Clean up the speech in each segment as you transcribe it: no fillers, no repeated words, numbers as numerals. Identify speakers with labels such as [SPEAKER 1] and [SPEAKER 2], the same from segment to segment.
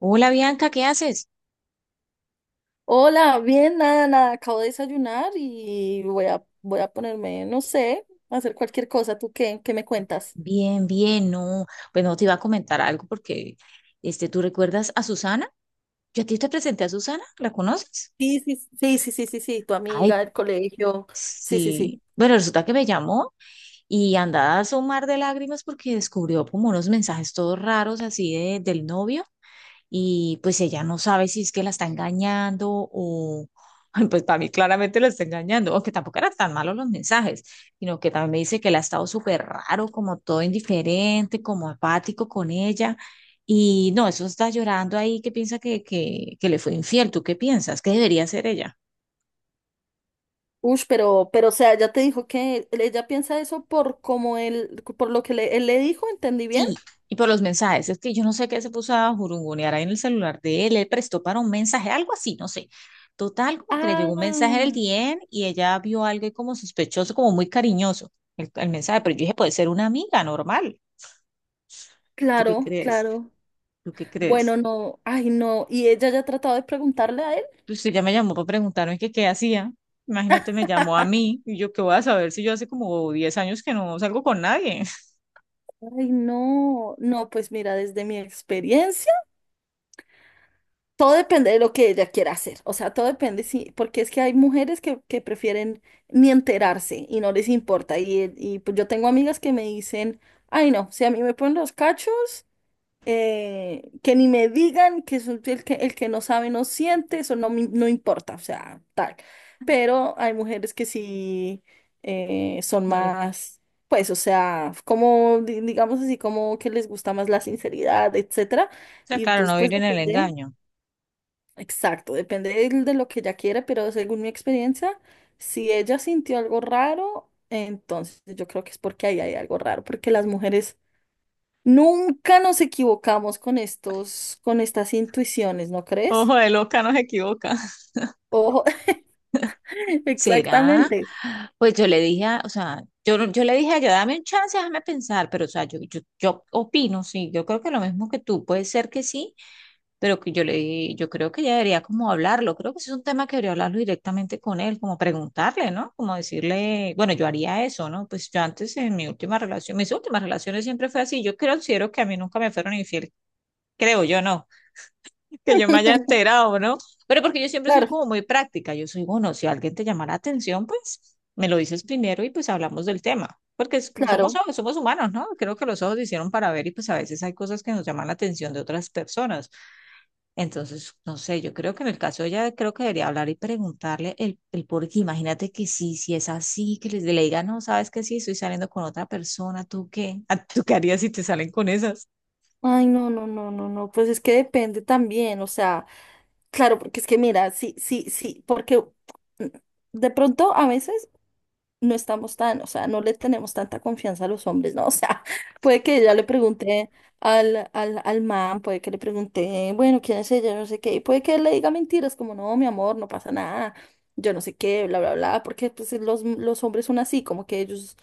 [SPEAKER 1] Hola Bianca, ¿qué haces?
[SPEAKER 2] Hola, bien, nada, nada, acabo de desayunar y voy a, voy a ponerme, no sé, a hacer cualquier cosa. ¿Tú qué? ¿Qué me cuentas?
[SPEAKER 1] Bien, bien, no, pues no te iba a comentar algo porque, este, ¿tú recuerdas a Susana? Yo a ti te presenté a Susana, ¿la conoces?
[SPEAKER 2] Sí, sí, sí, sí, sí, sí, sí, tu amiga
[SPEAKER 1] Ay,
[SPEAKER 2] del colegio. Sí, sí, sí.
[SPEAKER 1] sí. Bueno, resulta que me llamó y andaba a un mar de lágrimas porque descubrió como unos mensajes todos raros así del novio. Y pues ella no sabe si es que la está engañando o pues para mí claramente la está engañando, aunque tampoco eran tan malos los mensajes, sino que también me dice que él ha estado súper raro, como todo indiferente, como apático con ella. Y no, eso está llorando ahí que piensa que le fue infiel. ¿Tú qué piensas? ¿Qué debería hacer ella?
[SPEAKER 2] Ush, pero, o sea, ya te dijo que ella piensa eso por como él, por lo que él le dijo, ¿entendí bien?
[SPEAKER 1] Sí, y por los mensajes. Es que yo no sé qué se puso a jurungonear ahí en el celular de él. Él prestó para un mensaje, algo así, no sé. Total, como que le llegó un mensaje del
[SPEAKER 2] Ah,
[SPEAKER 1] DM y ella vio algo ahí como sospechoso, como muy cariñoso el mensaje. Pero yo dije, puede ser una amiga normal. ¿Tú qué
[SPEAKER 2] claro,
[SPEAKER 1] crees?
[SPEAKER 2] claro.
[SPEAKER 1] ¿Tú qué
[SPEAKER 2] Bueno,
[SPEAKER 1] crees?
[SPEAKER 2] no, ay, no. ¿Y ella ya ha tratado de preguntarle a él?
[SPEAKER 1] Pues usted ya me llamó para preguntarme que qué hacía. Imagínate, me llamó a mí y yo qué voy a saber si yo hace como 10 años que no salgo con nadie.
[SPEAKER 2] Ay, no, no, pues mira, desde mi experiencia. Todo depende de lo que ella quiera hacer, o sea, todo depende, sí, porque es que hay mujeres que prefieren ni enterarse y no les importa. Y pues yo tengo amigas que me dicen, ay no, si a mí me ponen los cachos, que ni me digan que soy el que no sabe no siente, eso no, no importa, o sea, tal. Pero hay mujeres que sí son
[SPEAKER 1] No, o
[SPEAKER 2] más, pues, o sea, como, digamos así, como que les gusta más la sinceridad, etcétera.
[SPEAKER 1] sea,
[SPEAKER 2] Y
[SPEAKER 1] claro,
[SPEAKER 2] entonces,
[SPEAKER 1] no
[SPEAKER 2] pues
[SPEAKER 1] vivir en el
[SPEAKER 2] depende.
[SPEAKER 1] engaño.
[SPEAKER 2] Exacto, depende de lo que ella quiera, pero según mi experiencia, si ella sintió algo raro, entonces yo creo que es porque ahí hay algo raro, porque las mujeres nunca nos equivocamos con estos, con estas intuiciones, ¿no
[SPEAKER 1] Ojo
[SPEAKER 2] crees?
[SPEAKER 1] de loca, no se equivoca.
[SPEAKER 2] Ojo,
[SPEAKER 1] ¿Será?
[SPEAKER 2] exactamente.
[SPEAKER 1] Pues yo le dije, o sea, yo, no- yo le dije a ella, dame un chance, déjame pensar, pero o sea, yo opino, sí, yo creo que lo mismo que tú, puede ser que sí, pero que yo creo que ella debería como hablarlo, creo que ese es un tema que debería hablarlo directamente con él, como preguntarle, ¿no? Como decirle, bueno, yo haría eso, ¿no? Pues yo antes en mi última relación, mis últimas relaciones siempre fue así, yo considero que a mí nunca me fueron infiel, creo yo, ¿no? Que yo me haya enterado, ¿no? Pero porque yo siempre soy
[SPEAKER 2] Claro,
[SPEAKER 1] como muy práctica, yo soy, bueno, si alguien te llama la atención, pues me lo dices primero y pues hablamos del tema, porque somos,
[SPEAKER 2] claro.
[SPEAKER 1] somos humanos, ¿no? Creo que los ojos se hicieron para ver y pues a veces hay cosas que nos llaman la atención de otras personas. Entonces, no sé, yo creo que en el caso de ella, creo que debería hablar y preguntarle el por qué. Imagínate que sí, si es así, que les le diga, no, sabes que sí, estoy saliendo con otra persona, ¿tú qué? ¿Tú qué harías si te salen con esas?
[SPEAKER 2] Ay, no, no, no, no, no. Pues es que depende también, o sea, claro, porque es que mira, sí, sí, sí, porque mm, de pronto a veces. No estamos tan, o sea, no le tenemos tanta confianza a los hombres, ¿no? O sea, puede que ella le pregunte al, al man, puede que le pregunte, bueno, ¿quién es ella? No sé qué, y puede que él le diga mentiras como, no, mi amor, no pasa nada, yo no sé qué, bla, bla, bla, porque pues los hombres son así, como que ellos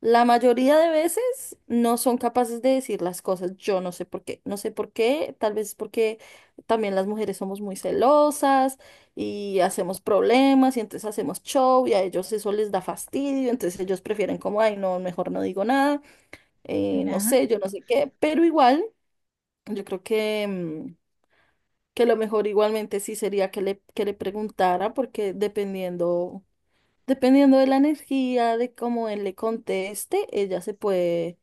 [SPEAKER 2] la mayoría de veces no son capaces de decir las cosas. Yo no sé por qué, no sé por qué, tal vez porque también las mujeres somos muy celosas y hacemos problemas y entonces hacemos show y a ellos eso les da fastidio, entonces ellos prefieren como, ay, no, mejor no digo nada, no sé, yo no sé qué, pero igual, yo creo que, que lo mejor igualmente sí sería que le preguntara porque dependiendo... Dependiendo de la energía, de cómo él le conteste, ella se puede,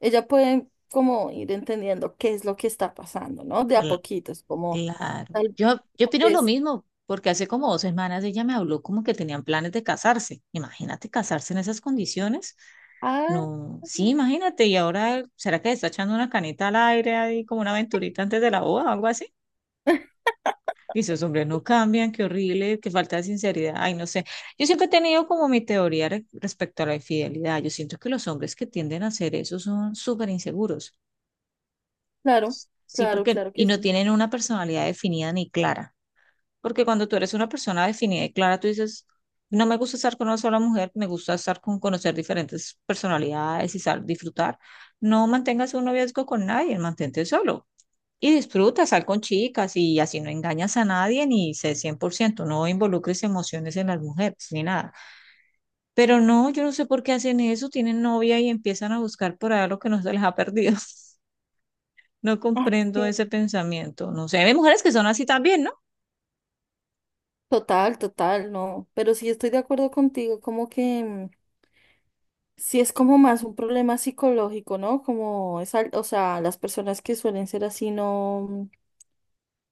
[SPEAKER 2] ella puede como ir entendiendo qué es lo que está pasando, ¿no? De a poquitos, como
[SPEAKER 1] Claro.
[SPEAKER 2] tal,
[SPEAKER 1] Yo
[SPEAKER 2] tal
[SPEAKER 1] opino lo
[SPEAKER 2] vez.
[SPEAKER 1] mismo, porque hace como 2 semanas ella me habló como que tenían planes de casarse. Imagínate casarse en esas condiciones.
[SPEAKER 2] Ah,
[SPEAKER 1] No, sí, imagínate. Y ahora, ¿será que le está echando una canita al aire ahí como una aventurita antes de la boda o algo así? Y esos hombres no cambian, qué horrible, qué falta de sinceridad. Ay, no sé. Yo siempre he tenido como mi teoría respecto a la infidelidad. Yo siento que los hombres que tienden a hacer eso son súper inseguros.
[SPEAKER 2] claro,
[SPEAKER 1] Sí,
[SPEAKER 2] claro,
[SPEAKER 1] porque,
[SPEAKER 2] claro
[SPEAKER 1] y
[SPEAKER 2] que
[SPEAKER 1] no
[SPEAKER 2] sí.
[SPEAKER 1] tienen una personalidad definida ni clara. Porque cuando tú eres una persona definida y clara, tú dices, no me gusta estar con una sola mujer, me gusta estar con conocer diferentes personalidades y disfrutar. No mantengas un noviazgo con nadie, mantente solo. Y disfruta, sal con chicas y así no engañas a nadie ni sé 100% no involucres emociones en las mujeres ni nada. Pero no, yo no sé por qué hacen eso, tienen novia y empiezan a buscar por allá lo que no se les ha perdido. No
[SPEAKER 2] Ah,
[SPEAKER 1] comprendo
[SPEAKER 2] sí.
[SPEAKER 1] ese pensamiento, no sé, hay mujeres que son así también, ¿no?
[SPEAKER 2] Total, total, no. Pero sí estoy de acuerdo contigo, como que sí es como más un problema psicológico, ¿no? Como es, o sea, las personas que suelen ser así no.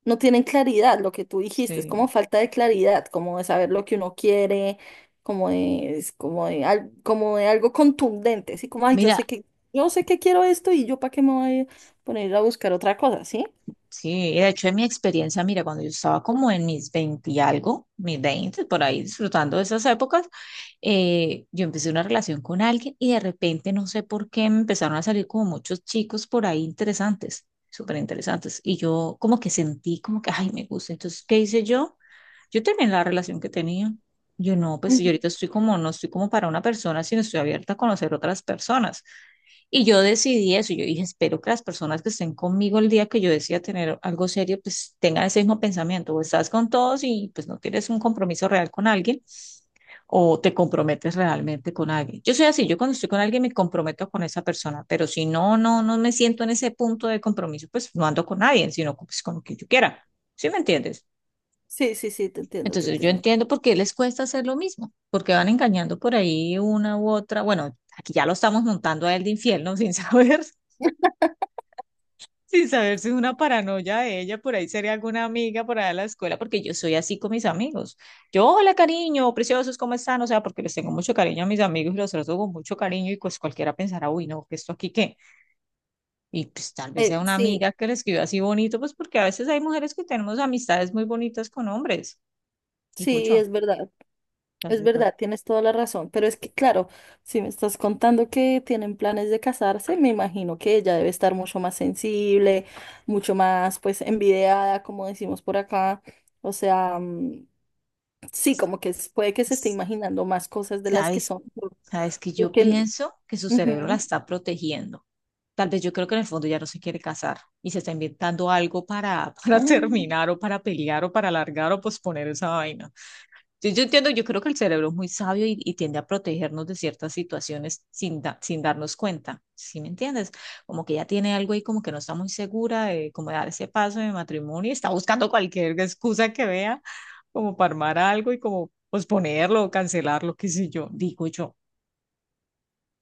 [SPEAKER 2] No tienen claridad, lo que tú dijiste, es como
[SPEAKER 1] Sí.
[SPEAKER 2] falta de claridad, como de saber lo que uno quiere, como de, es como de, como de algo contundente, así como, ay,
[SPEAKER 1] Mira,
[SPEAKER 2] yo sé que quiero esto y yo para qué me voy a poner a buscar otra cosa, ¿sí?
[SPEAKER 1] sí, de hecho, en mi experiencia, mira, cuando yo estaba como en mis 20 y algo, mis 20 por ahí disfrutando de esas épocas, yo empecé una relación con alguien y de repente, no sé por qué, me empezaron a salir como muchos chicos por ahí interesantes, súper interesantes. Y yo como que sentí como que, ay, me gusta. Entonces, ¿qué hice yo? Yo terminé la relación que tenía. Yo no, pues yo
[SPEAKER 2] Ujú.
[SPEAKER 1] ahorita estoy como, no estoy como para una persona, sino estoy abierta a conocer otras personas. Y yo decidí eso, yo dije, espero que las personas que estén conmigo el día que yo decida tener algo serio, pues tengan ese mismo pensamiento, o estás con todos y pues no tienes un compromiso real con alguien, o te comprometes realmente con alguien. Yo soy así, yo cuando estoy con alguien me comprometo con esa persona, pero si no, no, no me siento en ese punto de compromiso, pues no ando con nadie, sino pues, con quien yo quiera. ¿Sí me entiendes?
[SPEAKER 2] Sí, sí, sí, te entiendo, te
[SPEAKER 1] Entonces yo
[SPEAKER 2] entiendo.
[SPEAKER 1] entiendo por qué les cuesta hacer lo mismo, porque van engañando por ahí una u otra. Bueno, aquí ya lo estamos montando a él de infiel, ¿no? Sin saber. Sin saber si es una paranoia de ella, por ahí sería alguna amiga por allá de la escuela, porque yo soy así con mis amigos. Yo, hola cariño, preciosos, ¿cómo están? O sea, porque les tengo mucho cariño a mis amigos y los trato con mucho cariño y pues cualquiera pensará, uy, no, ¿qué esto aquí qué? Y pues tal vez sea una
[SPEAKER 2] Sí,
[SPEAKER 1] amiga que le escriba así bonito, pues porque a veces hay mujeres que tenemos amistades muy bonitas con hombres, digo
[SPEAKER 2] sí,
[SPEAKER 1] yo.
[SPEAKER 2] es verdad. Es
[SPEAKER 1] Entonces, pero,
[SPEAKER 2] verdad, tienes toda la razón, pero es que claro, si me estás contando que tienen planes de casarse, me imagino que ella debe estar mucho más sensible, mucho más pues envidiada, como decimos por acá. O sea, sí, como que puede que se esté
[SPEAKER 1] pues,
[SPEAKER 2] imaginando más cosas de las que
[SPEAKER 1] ¿sabes?
[SPEAKER 2] son.
[SPEAKER 1] Sabes que yo
[SPEAKER 2] Porque,
[SPEAKER 1] pienso que su cerebro la
[SPEAKER 2] ujú,
[SPEAKER 1] está protegiendo. Tal vez yo creo que en el fondo ya no se quiere casar y se está inventando algo para, para
[SPEAKER 2] ah,
[SPEAKER 1] terminar o para pelear o para alargar o posponer esa vaina. Yo entiendo, yo creo que el cerebro es muy sabio y tiende a protegernos de ciertas situaciones sin darnos cuenta. ¿Sí me entiendes? Como que ya tiene algo ahí como que no está muy segura de cómo dar ese paso de matrimonio y está buscando cualquier excusa que vea como para armar algo y como posponerlo o cancelarlo, qué sé yo, digo yo.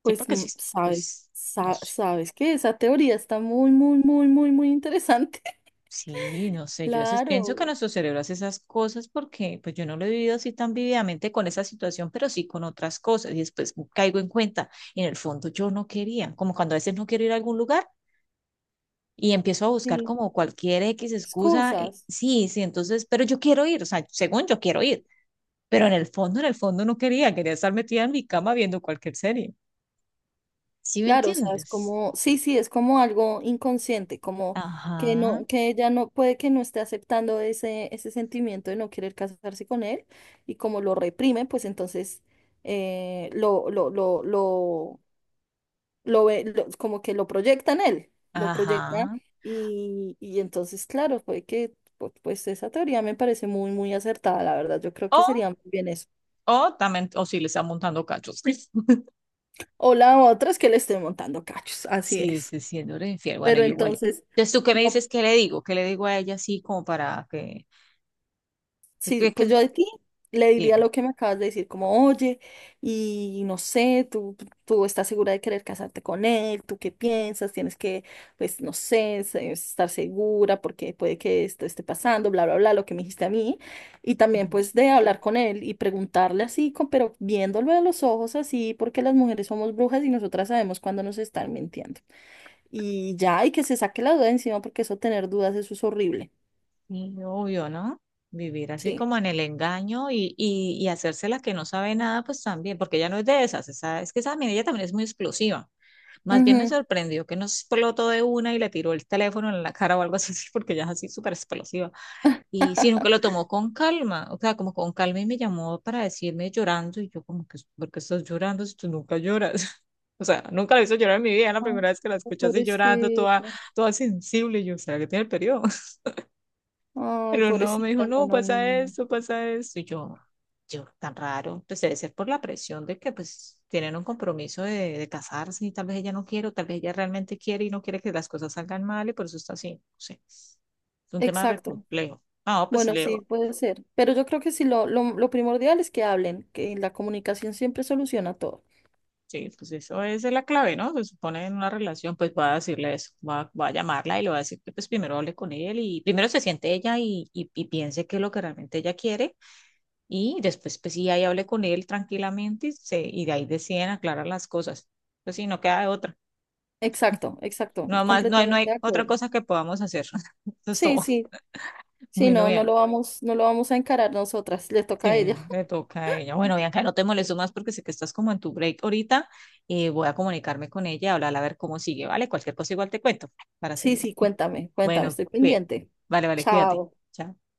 [SPEAKER 1] Sí,
[SPEAKER 2] pues
[SPEAKER 1] porque sí,
[SPEAKER 2] sabes,
[SPEAKER 1] pues, no sé,
[SPEAKER 2] sabes que esa teoría está muy, muy, muy, muy, muy interesante.
[SPEAKER 1] sí, no sé, yo a veces pienso que
[SPEAKER 2] Claro,
[SPEAKER 1] nuestro cerebro hace esas cosas porque pues yo no lo he vivido así tan vividamente con esa situación, pero sí con otras cosas y después caigo en cuenta, en el fondo yo no quería, como cuando a veces no quiero ir a algún lugar y empiezo a buscar
[SPEAKER 2] sí,
[SPEAKER 1] como cualquier X excusa,
[SPEAKER 2] excusas.
[SPEAKER 1] sí, sí, entonces, pero yo quiero ir, o sea, según yo quiero ir, pero en el fondo no quería, quería estar metida en mi cama viendo cualquier serie, ¿sí me
[SPEAKER 2] Claro, o sea, es
[SPEAKER 1] entiendes?
[SPEAKER 2] como, sí, sí, es como algo inconsciente, como que
[SPEAKER 1] Ajá,
[SPEAKER 2] no, que ella no puede que no esté aceptando ese, ese sentimiento de no querer casarse con él, y como lo reprime, pues entonces lo lo ve, como que lo proyecta en él, lo proyecta,
[SPEAKER 1] ajá.
[SPEAKER 2] y entonces, claro, puede que, pues esa teoría me parece muy, muy acertada, la verdad, yo creo que sería muy bien eso.
[SPEAKER 1] O también, o si le está montando cachos.
[SPEAKER 2] O la otra es que le esté montando cachos, así
[SPEAKER 1] Sí,
[SPEAKER 2] es.
[SPEAKER 1] se siéndole infiel. Bueno,
[SPEAKER 2] Pero
[SPEAKER 1] yo igual.
[SPEAKER 2] entonces.
[SPEAKER 1] Entonces, ¿tú qué me
[SPEAKER 2] No,
[SPEAKER 1] dices? ¿Qué le digo? ¿Qué le digo a ella así como para que, que,
[SPEAKER 2] sí,
[SPEAKER 1] que, que-
[SPEAKER 2] pues yo a ti le diría
[SPEAKER 1] dime?
[SPEAKER 2] lo que me acabas de decir, como, oye, y no sé, tú estás segura de querer casarte con él, tú qué piensas, tienes que, pues, no sé, estar segura porque puede que esto esté pasando, bla, bla, bla, lo que me dijiste a mí, y también
[SPEAKER 1] Ujú.
[SPEAKER 2] pues de hablar con él y preguntarle así, pero viéndolo a los ojos así, porque las mujeres somos brujas y nosotras sabemos cuando nos están mintiendo. Y ya, y que se saque la duda de encima porque eso tener dudas, eso es horrible.
[SPEAKER 1] Sí, obvio, ¿no? Vivir así
[SPEAKER 2] Sí.
[SPEAKER 1] como en el engaño y hacerse la que no sabe nada, pues también, porque ella no es de esas, es que esa mira, ella también es muy explosiva. Más bien me
[SPEAKER 2] Ujú.
[SPEAKER 1] sorprendió que no explotó de una y le tiró el teléfono en la cara o algo así, porque ella es así súper explosiva. Y sino que lo tomó con calma, o sea, como con calma y me llamó para decirme llorando y yo como que, ¿por qué estás llorando si tú nunca lloras? O sea, nunca la hizo llorar en mi vida, la
[SPEAKER 2] Ay,
[SPEAKER 1] primera vez que la escuché así llorando, toda,
[SPEAKER 2] pobrecita.
[SPEAKER 1] toda sensible, y yo, ¿será que tiene el periodo?
[SPEAKER 2] Ay,
[SPEAKER 1] Pero no, me
[SPEAKER 2] pobrecita.
[SPEAKER 1] dijo,
[SPEAKER 2] No,
[SPEAKER 1] no,
[SPEAKER 2] no, no, no, no.
[SPEAKER 1] pasa esto, y tan raro, pues debe ser por la presión de que pues tienen un compromiso de casarse y tal vez ella no quiere, o tal vez ella realmente quiere y no quiere que las cosas salgan mal y por eso está así, no sé, es un tema re
[SPEAKER 2] Exacto.
[SPEAKER 1] complejo. Ah, pues
[SPEAKER 2] Bueno, sí,
[SPEAKER 1] Leo.
[SPEAKER 2] puede ser. Pero yo creo que sí, lo lo primordial es que hablen, que la comunicación siempre soluciona todo.
[SPEAKER 1] Sí, pues eso es la clave, ¿no? Se supone en una relación, pues va a decirle eso, va a llamarla y le va a decir que pues primero hable con él y primero se siente ella y piense que es lo que realmente ella quiere y después pues sí, ahí hable con él tranquilamente y de ahí deciden aclarar las cosas. Pues sí, no queda de otra.
[SPEAKER 2] Exacto, exacto.
[SPEAKER 1] No más, no
[SPEAKER 2] Completamente
[SPEAKER 1] hay
[SPEAKER 2] de
[SPEAKER 1] otra
[SPEAKER 2] acuerdo.
[SPEAKER 1] cosa que podamos hacer. Eso es
[SPEAKER 2] Sí,
[SPEAKER 1] todo.
[SPEAKER 2] sí. Sí,
[SPEAKER 1] Bueno,
[SPEAKER 2] no,
[SPEAKER 1] bien.
[SPEAKER 2] no lo vamos a encarar nosotras. Le toca a
[SPEAKER 1] Sí,
[SPEAKER 2] ella.
[SPEAKER 1] le toca a ella. Bueno, Bianca, no te molesto más porque sé que estás como en tu break ahorita. Y voy a comunicarme con ella, hablar a ver cómo sigue, ¿vale? Cualquier cosa igual te cuento para
[SPEAKER 2] Sí,
[SPEAKER 1] seguir.
[SPEAKER 2] sí, cuéntame, cuéntame,
[SPEAKER 1] Bueno,
[SPEAKER 2] estoy
[SPEAKER 1] bien.
[SPEAKER 2] pendiente.
[SPEAKER 1] Vale, vale, cuídate.
[SPEAKER 2] Chao.
[SPEAKER 1] Chao.